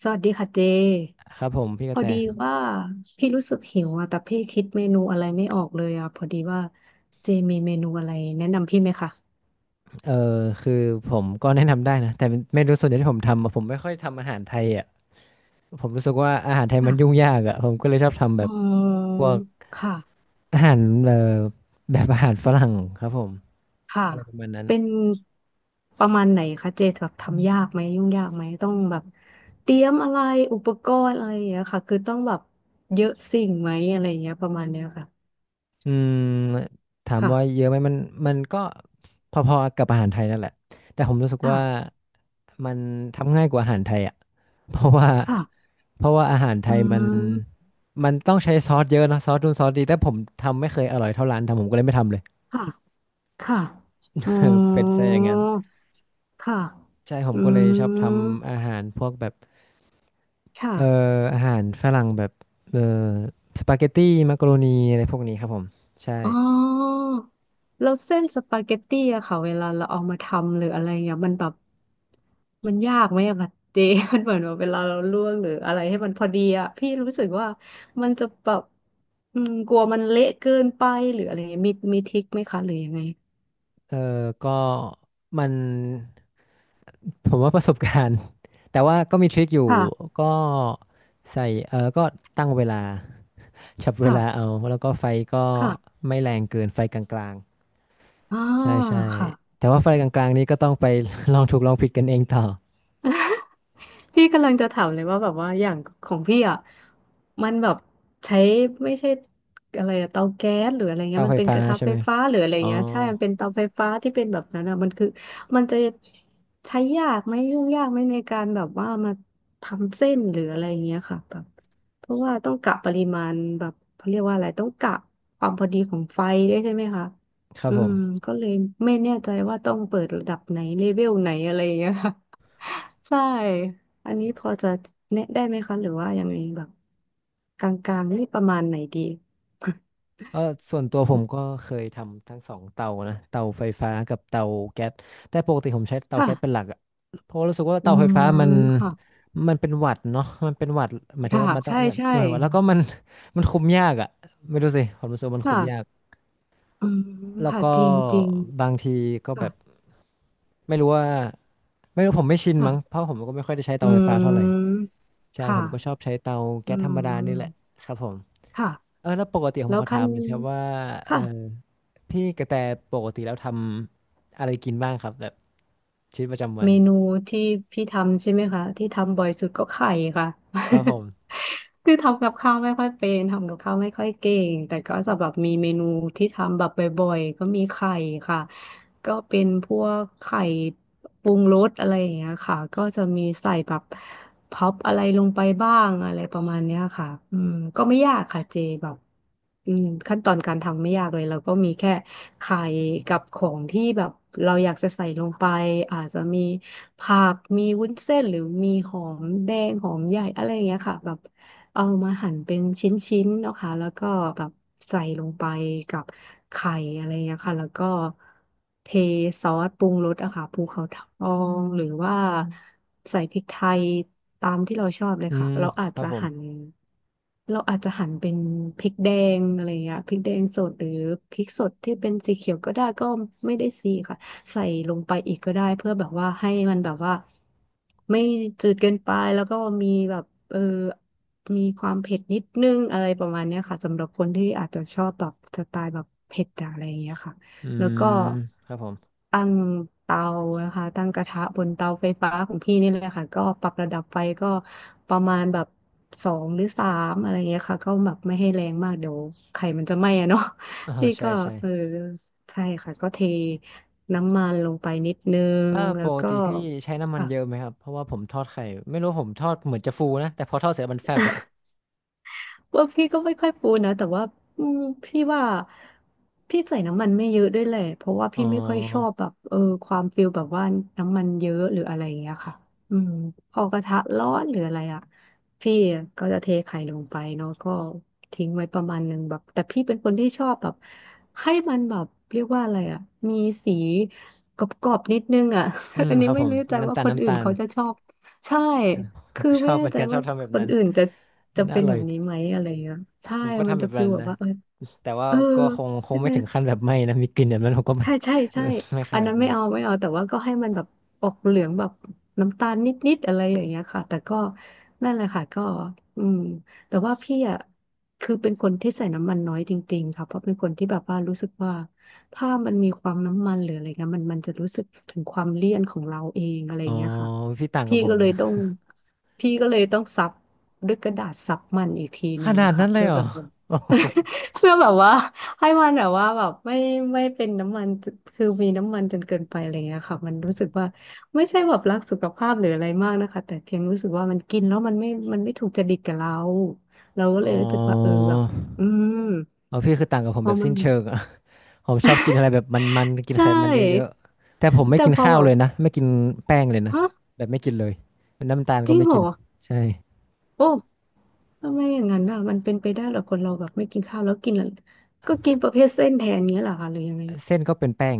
สวัสดีค่ะเจ ครับผมพี่กพระอแตดีว่าพี่รู้สึกหิวอ่ะแต่พี่คิดเมนูอะไรไม่ออกเลยอ่ะพอดีว่าเจมีเมนูอะไรแนะนำพี่ไหมคะเออคือผมก็แนะนำได้นะแต่เมนูส่วนใหญ่ที่ผมทำอะผมไม่ค่อยทำอาหารไทยอ่ะผมรู้สึกว่าอาหารไทยมัค่ะนยุ่งยากอ่ะผมก็เลยชอบทำแบอืบมพวกค่ะอาหารแบบอาหารฝรั่งครับผมค่ะอะไรประมาณนั้นเป็นประมาณไหนคะเจแบบทำยากไหมยุ่งยากไหมต้องแบบเตรียมอะไรอุปกรณ์อะไรอย่างเงี้ยค่ะคือต้องแบบเยอะสิ่งไหมอะไรอย่างเงี้ยประมาณเนี้ยค่ะอืมถามว่าเยค่ะอะไหมมันก็พอๆกับอาหารไทยนั่นแหละแต่ผมรู้สึกว่าค่ะมันทำง่ายกว่าอาหารไทยอ่ะเพราะว่าค่ะเพราะว่าอาหารไทอืยมันมมันต้องใช้ซอสเยอะเนอะซอสนู่นซอสดีแต่ผมทำไม่เคยอร่อยเท่าร้านทำผมก็เลยไม่ทำเลย ค่ะค่ะอ๋ เออเป็ดซะอ อย่างนั้นค่ะ ใช่ผอืมก็เลยชอบทมำอาหารพวกแบบค่ะเอ่ออาหารฝรั่งแบบเอ่อสปาเกตตี้มักโรนีอะไรพวกนี้ครับผมใช่อ๋อแล้วเส้นสปาเกตตี้อะค่ะ เวลาเราเอามาทำหรืออะไรเงี้ยมันแบบมันยากไหมอะแบบเจ มันเหมือนว่าเวลาเราลวกหรืออะไรให้มันพอดีอะพี่รู้สึกว่ามันจะแบบอืมกลัวมันเละเกินไปหรืออะไรเงี้ยมีทริคไหมคะหรือยังไงเออก็มันผมว่าประสบการณ์ แต่ว่าก็มีทริคอยู่ค่ะก็ใส่เออก็ตั้งเวลาจับเวลาค่ะเอาแล้วก็ไฟก็ค่ะไม่แรงเกินไฟกลางอ่าๆใช่ใช่ค่ะ แต่ว่าไฟกลางๆนี้ก็ต้องไป ลองถูกลองผิดกันเองต่อ พี่กำลังจะถามเลยว่าแบบว่าอย่างของพี่อ่ะมันแบบใช้ไม่ใช่อะไรอะเตาแก๊สหรืออะไรเงี้เตายมัไฟนเป็นฟ้ากระทะใช่ไฟไหมฟ้าหรืออะไรอ๋อเงี้ยใช่มันเป็นเตาไฟฟ้าที่เป็นแบบนั้นอ่ะมันคือมันจะใช้ยากไหมยุ่งยากไหมในการแบบว่ามาทำเส้นหรืออะไรเงี้ยค่ะแบบเพราะว่าต้องกะปริมาณแบบเขาเรียกว่าอะไรต้องกะความพอดีของไฟด้วยใช่ไหมคะครับอืผมม ก็เลยไม่แน่ใจว่าต้องเปิดระดับไหนเลเวลไหนอะไรเงี้ย ใช่ อันนี้พอจะแนะได้ไหมคะหรือว่ายังไงแบบกลางๆนี่ประมาณไหนดี ก็ส่วนตัวผมก็ เคยทำทั้งสองเตานะเตาไฟฟ้ากับเตาแก๊สแต่ปกติผมใช้เตาค่ะแก๊สเป็นหลักอะเพราะว่ารู้สึกว่าอืเตาไฟมฟ้ามันค่ะมันเป็นหวัดเนาะมันเป็นหวัดหมายถึงค่ะว่ามันต้องใช่มันหใช่น่วยหวัดแล้วก็มัน มันคุมยากอะไม่รู้สิผมรู้สึกว่ามันคุมยากค่ะอืมแล้วค่ะ ก็จริงจริงบางทีก็แบบค่ะไม่รู้ว่าไม่รู้ผมไม่ชินค่ะมั้งเพราะผมก็ไม่ค่อยได้ใช้อืเตาไฟฟ้าเท่าไหร่มใช่ผค่ะมก็ชอบใช้เตาอืแก๊สธรรมดานี่แหละมครับผม ค่ะ เออแล้วปกติผแล้มวขอถาขั้นมหน่อยสิครับว่าเออค่ะ พี่กระแตปกติแล้วทำอะไรกินบ้างครับแบบชีวิตประจำวันเมนูที่พี่ทำใช่ไหมคะที่ทำบ่อยสุดก็ไข่ค่ะ ครับผม คือทำกับข้าวไม่ค่อยเป็นทำกับข้าวไม่ค่อยเก่งแต่ก็จะแบบมีเมนูที่ทำแบบบ่อยๆก็มีไข่ค่ะก็เป็นพวกไข่ปรุงรสอะไรอย่างเงี้ยค่ะก็จะมีใส่แบบพร็อปอะไรลงไปบ้างอะไรประมาณเนี้ยค่ะอืมก็ไม่ยากค่ะเจแบบอืมขั้นตอนการทำไม่ยากเลยเราก็มีแค่ ไข่กับของที่แบบเราอยากจะใส่ลงไปอาจจะมีผักมีวุ้นเส้นหรือมีหอมแดงหอมใหญ่อะไรอย่างเงี้ยค่ะแบบ เอามาหั่นเป็นชิ้นๆนะคะแล้วก็แบบใส่ลงไปกับไข่อะไรอย่างเงี้ยค่ะแล้วก็เทซอสปรุงรสอะค่ะภูเขาทองหรือว่าใส่พริกไทยตามที่เราชอบเลยอืค่ะมเราอาจครับจะผหั่นมเราอาจจะหั่นเป็นพริกแดงอะไรอย่างเงี้ยพริกแดงสดหรือพริกสดที่เป็นสีเขียวก็ได้ก็ไม่ได้สีค่ะ ใส่ลงไปอีกก็ได้เพื่อแบบว่าให้มันแบบว่าไม่จืดเกินไปแล้วก็มีแบบเออมีความเผ็ดนิดนึงอะไรประมาณเนี้ยค่ะสำหรับคนที่อาจจะชอบแบบสไตล์แบบเผ็ดอะอะไรอย่างเงี้ยค่ะอืแล้วก็มครับผมตั้งเตานะคะตั้งกระทะบนเตาไฟฟ้าของพี่นี่เลยค่ะก็ปรับระดับไฟก็ประมาณแบบสองหรือสามอะไรอย่างเงี้ยค่ะก็แบบไม่ให้แรงมากเดี๋ยวไข่มันจะไหม้อะเนาะเออพี่ใช่ก็ใช่เออ ใช่ค่ะก็เทน้ำมันลงไปนิดนึงเออแล้ปวกก็ติพี่ใช้น้ำมันค่ะ เยอะไหมครับเพราะว่าผมทอดไข่ไม่รู้ผมทอดเหมือนจะฟูนะแต่พอทอดเสร็จมันแฟบอะว่าพี่ก็ไม่ค่อยปูนะแต่ว่าอืมพี่ว่าพี่ใส่น้ำมันไม่เยอะด้วยแหละเพราะว่าอ๋อพี่ไม่ค่อยชอบแบบความฟิลแบบว่าน้ำมันเยอะหรืออะไรอย่างเงี้ยค่ะอืมพอกระทะร้อนหรืออะไรอ่ะพี่ก็จะเทไข่ลงไปเนาะก็ทิ้งไว้ประมาณหนึ่งแบบแต่พี่เป็นคนที่ชอบแบบให้มันแบบเรียกว่าอะไรอ่ะมีสีกรอบๆนิดนึงอ่ะ อื มอันคนี้รับผไม่มรู้ใจน้ำว่าตาลคนน้ำอื่ตานลเขาจะชอบใช่ ใช่ไหมผมคือก็ชไม่อบเหแน่มือนใจกันชอว่าบทำแบบคนนั้นอื่นจะมัจะนน่าเป็อนแบร่อยบดีนี้ไหมอะไรเงี้ยใช่ ผมก็มันทำแบจะบฟีนั้ลนแบบนะว่าเออแต่ว่าเออก็คงคใช่งไม่ไหม ถึงขั้นแบบไหม้นะมีกลิ่นแบบนั้นผมก็ไม่ ใช่ใช่ใช่ ไม่ขอันนาดนั้นไม่นั้น เอาไม่เอาแต่ว่าก็ให้มันแบบออกเหลืองแบบน้ำตาลนิดๆอะไรอย่างเงี้ยค่ะแต่ก็นั่นแหละค่ะก็อืมแต่ว่าพี่อ่ะคือเป็นคนที่ใส่น้ำมันน้อยจริงๆค่ะเพราะเป็นคนที่แบบว่ารู้สึกว่าถ้ามันมีความน้ำมันหรืออะไรเงี้ยมันจะรู้สึกถึงความเลี่ยนของเราเองอะไรออ๋อย่างเงี้ยค่ะพี่ต่างกัพี่บผก็มเลนะยต้องพี่ก็เลยต้องซับด้วยกระดาษซับมันอีกทีหขนึ่งนานะดคะนั้นเลยเพื่อเหรอแบบ โอ้ โห เพื่อแบบว่าให้มันแบบว่าแบบไม่ไม่เป็นน้ำมันคือมีน้ำมันจนเกินไปอะไรเงี้ยค่ะมันรู้สึกว่าไม่ใช่แบบรักสุขภาพหรืออะไรมากนะคะแต่เพียงรู้สึกว่ามันกินแล้วมันไม่มันไม่ถูกจริตกับเราเราก็เลอ๋ยอรู้สึกว่าเออแบบอืมเอาพี่คือต่างกับผมพอแบบมัสิ้นนเชิงอะ ผมชอบกินอะไรแบบมันๆกินใชไขมันเยอะ่ๆแต่ผมไม่แต่กินพอข้าวแบเลบยนะไม่กินแป้งเลยนะฮะแบบไม่กินเลยเปนน้ำตาลจก็ริงไม่เหรกินอใช่โอ้ทำไมอย่างนั้นอ่ะมันเป็นไปได้เหรอคนเราแบบไม่กินข้าวแล้วกินอะไรก็กินประเภทเส้นแทนเงี้ยเหรอคะหรือยังไงเส้นก็เป็นแป้ง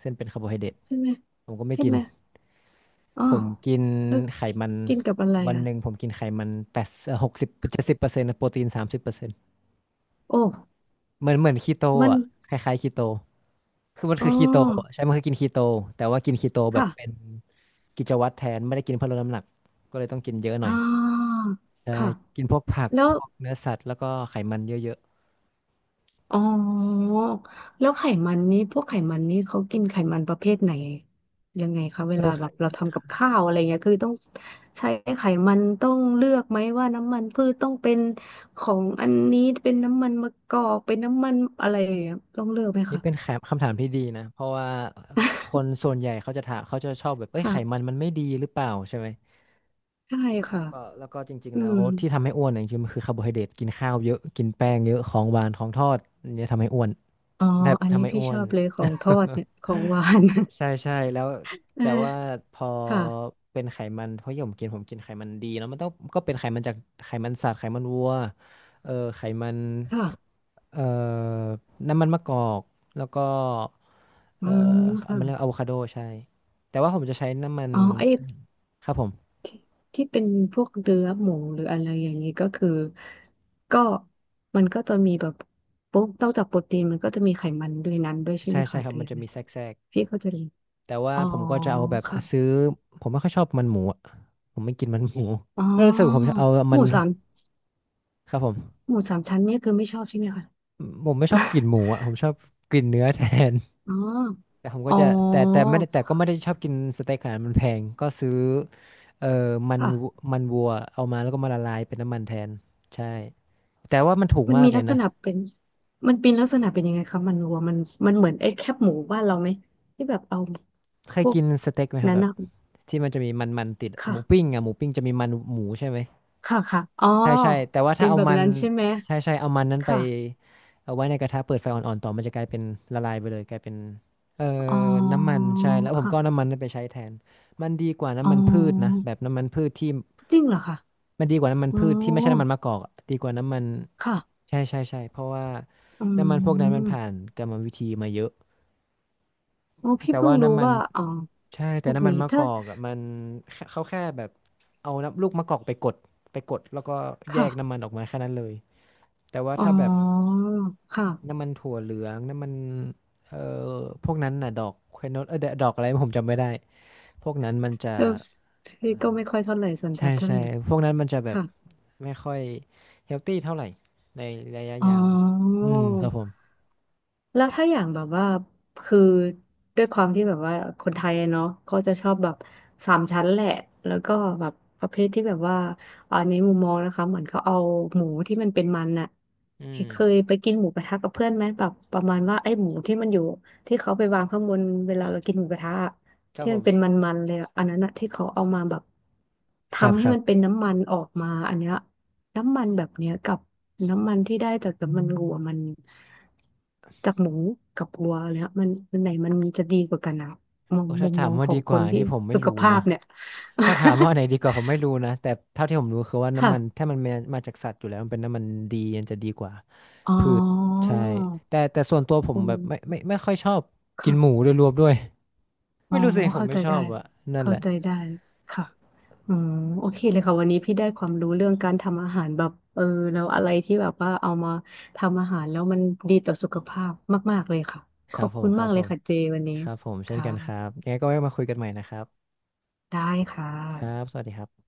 เส้นเป็นคาร์โบไฮเดรตใช่ไหมผมก็ไม่ใช่กินไหม อ๋อผมกินแล้วไขมันกินกับอะไรวันอ่ะหนึ่งผมกินไขมันแปด60-70%โปรตีน30%โอ้เหมือนเหมือนคีโตมันอ่ะคล้ายๆคีโต คือมันอ๋อคือคีโตใช่มันคือกินคีโตแต่ว่ากินคีโตแบบค่ะเป็นกิจวัตรแทนไม่ได้กินเพื่อลดน้ำหนักก็เลยต้องกินเยอะหน่ออ่ยาใช่ค่ะกินพวกผักแล้พววกเนื้อสัตว์แล้วก็ไขมันเยอะอ๋อแล้วไขมันนี้พวกไขมันนี้เขากินไขมันประเภทไหนยังไงคะๆเวเอลาอแบบเราค่ะทำกับข้าวอะไรเงี้ยคือต้องใช้ไขมันต้องเลือกไหมว่าน้ำมันพืชต้องเป็นของอันนี้เป็นน้ำมันมะกอกเป็นน้ำมันอะไรอย่างเงี้ยต้องเลือกไหมนี่คะ เป็นแคมคำถามที่ดีนะเพราะว่าคนส่ วนใหญ่เขาจะถามเขาจะชอบแบบเอ้ยค่ะ ไขมันมัน ไม่ดีหรือเปล่าใช่ไหมใช่แล้วค่ะก็แล้วก็จริงๆอืแล้วม ที่ทำให้อ้วนเนี่ยจริงๆมันคือคาร์โบไฮเดรตกินข้าวเยอะกินแป้งเยอะของหวานของทอดเนี่ยทำให้อ้วนอ๋อแบบอันทำนี้ให้พี่อ้วชอน บเลยของทอดเนี่ย ของหวาน ใช่ใช่แล้ว เอแต่ว่าอพอค่ะเป็นไขมันเพราะอย่างผมกินผมกินไขมันดีเนอะมันต้องก็เป็นไขมันจากไขมันสัตว์ไขมันวัวเออไขมันค่ะเอ่อน้ำมันมะกอกแล้วก็อืเอ่อมมันเรียกอะค่ะโวคาโดใช่แต่ว่าผมจะใช้น้ำมันอ๋อไอ้ครับผมที่ที่เป็นพวกเนื้อหมูหรืออะไรอย่างนี้ก็คือก็มันก็จะมีแบบปุ๊บนอกจากโปรตีนมันก็จะมีไขมันด้วยนั้นด้วยใช่ใช่ไหมใช่คะคหรับรือมันยังจะไงมีแทรกพี่ก็จะเรียนแต่ว่าอ๋อผมก็จะเอาแบบค่ะอ่ะซื้อผมไม่ค่อยชอบมันหมูอะผมไม่กินมันหมู อ๋ แล้วรู้สึกผมจะอเอาหมัมูนสามครับผม หมูสามชั้นเนี่ยคือไม่ชอบใช่ไหมคะ ผมไม่ชอบก ลิ่นหมูอ่ะผมชอบกลิ่นเนื้อแทน อ๋อ แต่ผมก็อ๋อจะแต่แต่ไม่ได้แต่ก็ไม่ได้ชอบกินสเต็กขนาดนั้นมันแพงก็ซื้อมันวัวค่ะ มันวัวเอามาแล้วก็มาละลายเป็นน้ำมันแทนใช่แต่ว่ามันถูกมันมากมีเลลัยกษนะณะเป็นมันเป็นลักษณะเป็นยังไงคะมันวัวมันมันเหมือนไอ้แคบหมูบ้านเราไหมที่แบบเอาเคพยวกกินสเต็กไหมครับนั้นแบบนะที่มันจะมีมันมันติดหค่ะมูปิ้งอ่ะหมูปิ้งจะมีมันหมูใช่ไหม ค่ะค่ะอ๋อใช่ใช่แต่ว่าเป็ถ้านเอาแบบมันนั้นใช่ไหมใช่ใช่เอามันนั้นไปค่ะเอาไว้ในกระทะเปิดไฟอ่อนๆต่อมันจะกลายเป็นละลายไปเลยกลายเป็นเอ่ออ๋อน้ำมันใช่แล้วผมก็เอาค่ะน้ำมันนั้นไปใช้แทนมันดีกว่าอ๋น้ำมันพืชนะอแบบน้ำมันพืชที่จริงเหรอคะมันดีกว่าน้ำมันอ๋อพืชที่ไม่ใช่น้ำมันมะกอกอะดีกว่าน้ำมันค่ะใช่ใช่ใช่เพราะว่าอืน้ำมันพวกนั้นมันผ่านมกรรมวิธีมาเยอะอ๋อพี่แต่เพิ่ว่างรู้น้ำมันว่าอ๋อใช่พแต่วกน้ำมันนี้มะกถ้าอกอะมันเขาแค่แบบเอาน้ำลูกมะกอกไปกดแล้วก็แยค่ะกน้ำมันออกมาแค่นั้นเลย แต่ว่าอ๋อถ้าแบบค่ะน้ำมันถั่วเหลืองน้ำมันเอ่อพวกนั้นน่ะดอกควโนดเออดอกอะไรผมจำไม่ได้พวกนั้นมันจะเออพี่ก็ไม่ค่อยเท่าไหร่สันใช่ทัดเท่าใช่ไหร่พวกนั้นมันจะแบบค่ะไม่ค่อยเฮลตี้เท่าไหร่ในระยะอ๋ยาวอ อืมครับผมแล้วถ้าอย่างแบบว่าคือด้วยความที่แบบว่าคนไทยอะเนาะก็จะชอบแบบสามชั้นแหละแล้วก็แบบประเภทที่แบบว่าอันนี้มุมมองนะคะเหมือนเขาเอาหมูที่มันเป็นมันน่ะอืมเคยไปกินหมูกระทะกับเพื่อนไหมแบบประมาณว่าไอ้หมูที่มันอยู่ที่เขาไปวางข้างบนเวลาเรากินหมูกระทะอะครับที่ผมันมเป็นมันๆเลยอะอันนั้นอะที่เขาเอามาแบบครับทำคให้รัมับนเป็นน้ำมันออกมาอันเนี้ยน้ำมันแบบเนี้ยกับ น้ำมันที่ได้จากน้ำมันวัวมันจากหมูกับวัวแล้วมันมันไหนมันมีจะดีกว่ากันอะมองโอ้มุถ้ามถามมองว่าขอดีงคกว่านที่นี่ผมไม่สุขรู้ภานะพเนี่ย ถ้าถามว่าอันไหนดีกว่าผมไม่รู้นะแต่เท่าที่ผมรู้คือว่า น้ำมันค่ะถ้ามันมาจากสัตว์อยู่แล้วมันเป็นน้ำมันดีมันจะดีกว่า อ๋อพืชใช่แต่แต่ส่วนตัวผมอืแบบไม่มไม่ไม่ค่อยชอบกินหมูค่ะโดยรวมด้วย อ๋อไม่รู้สิผมเข้าไม่ใจชอได้บอะนั่นเข้าแหละใจได้ค่ะอืมโอเคเลยค่ะวันนี้พี่ได้ความรู้เรื่องการทำอาหารแบบเออแล้วอะไรที่แบบว่าเอามาทำอาหารแล้วมันดีต่อสุขภาพมากๆเลยค่ะคขรัอบบผมคุณครัมาบกเลผยมค่ะเจวันนี้ครับผมคเช่นกันครั่ะ บยังไงก็ไว้มาคุยกันใหม่นะครับได้ค่ครับะสวัสดีครับ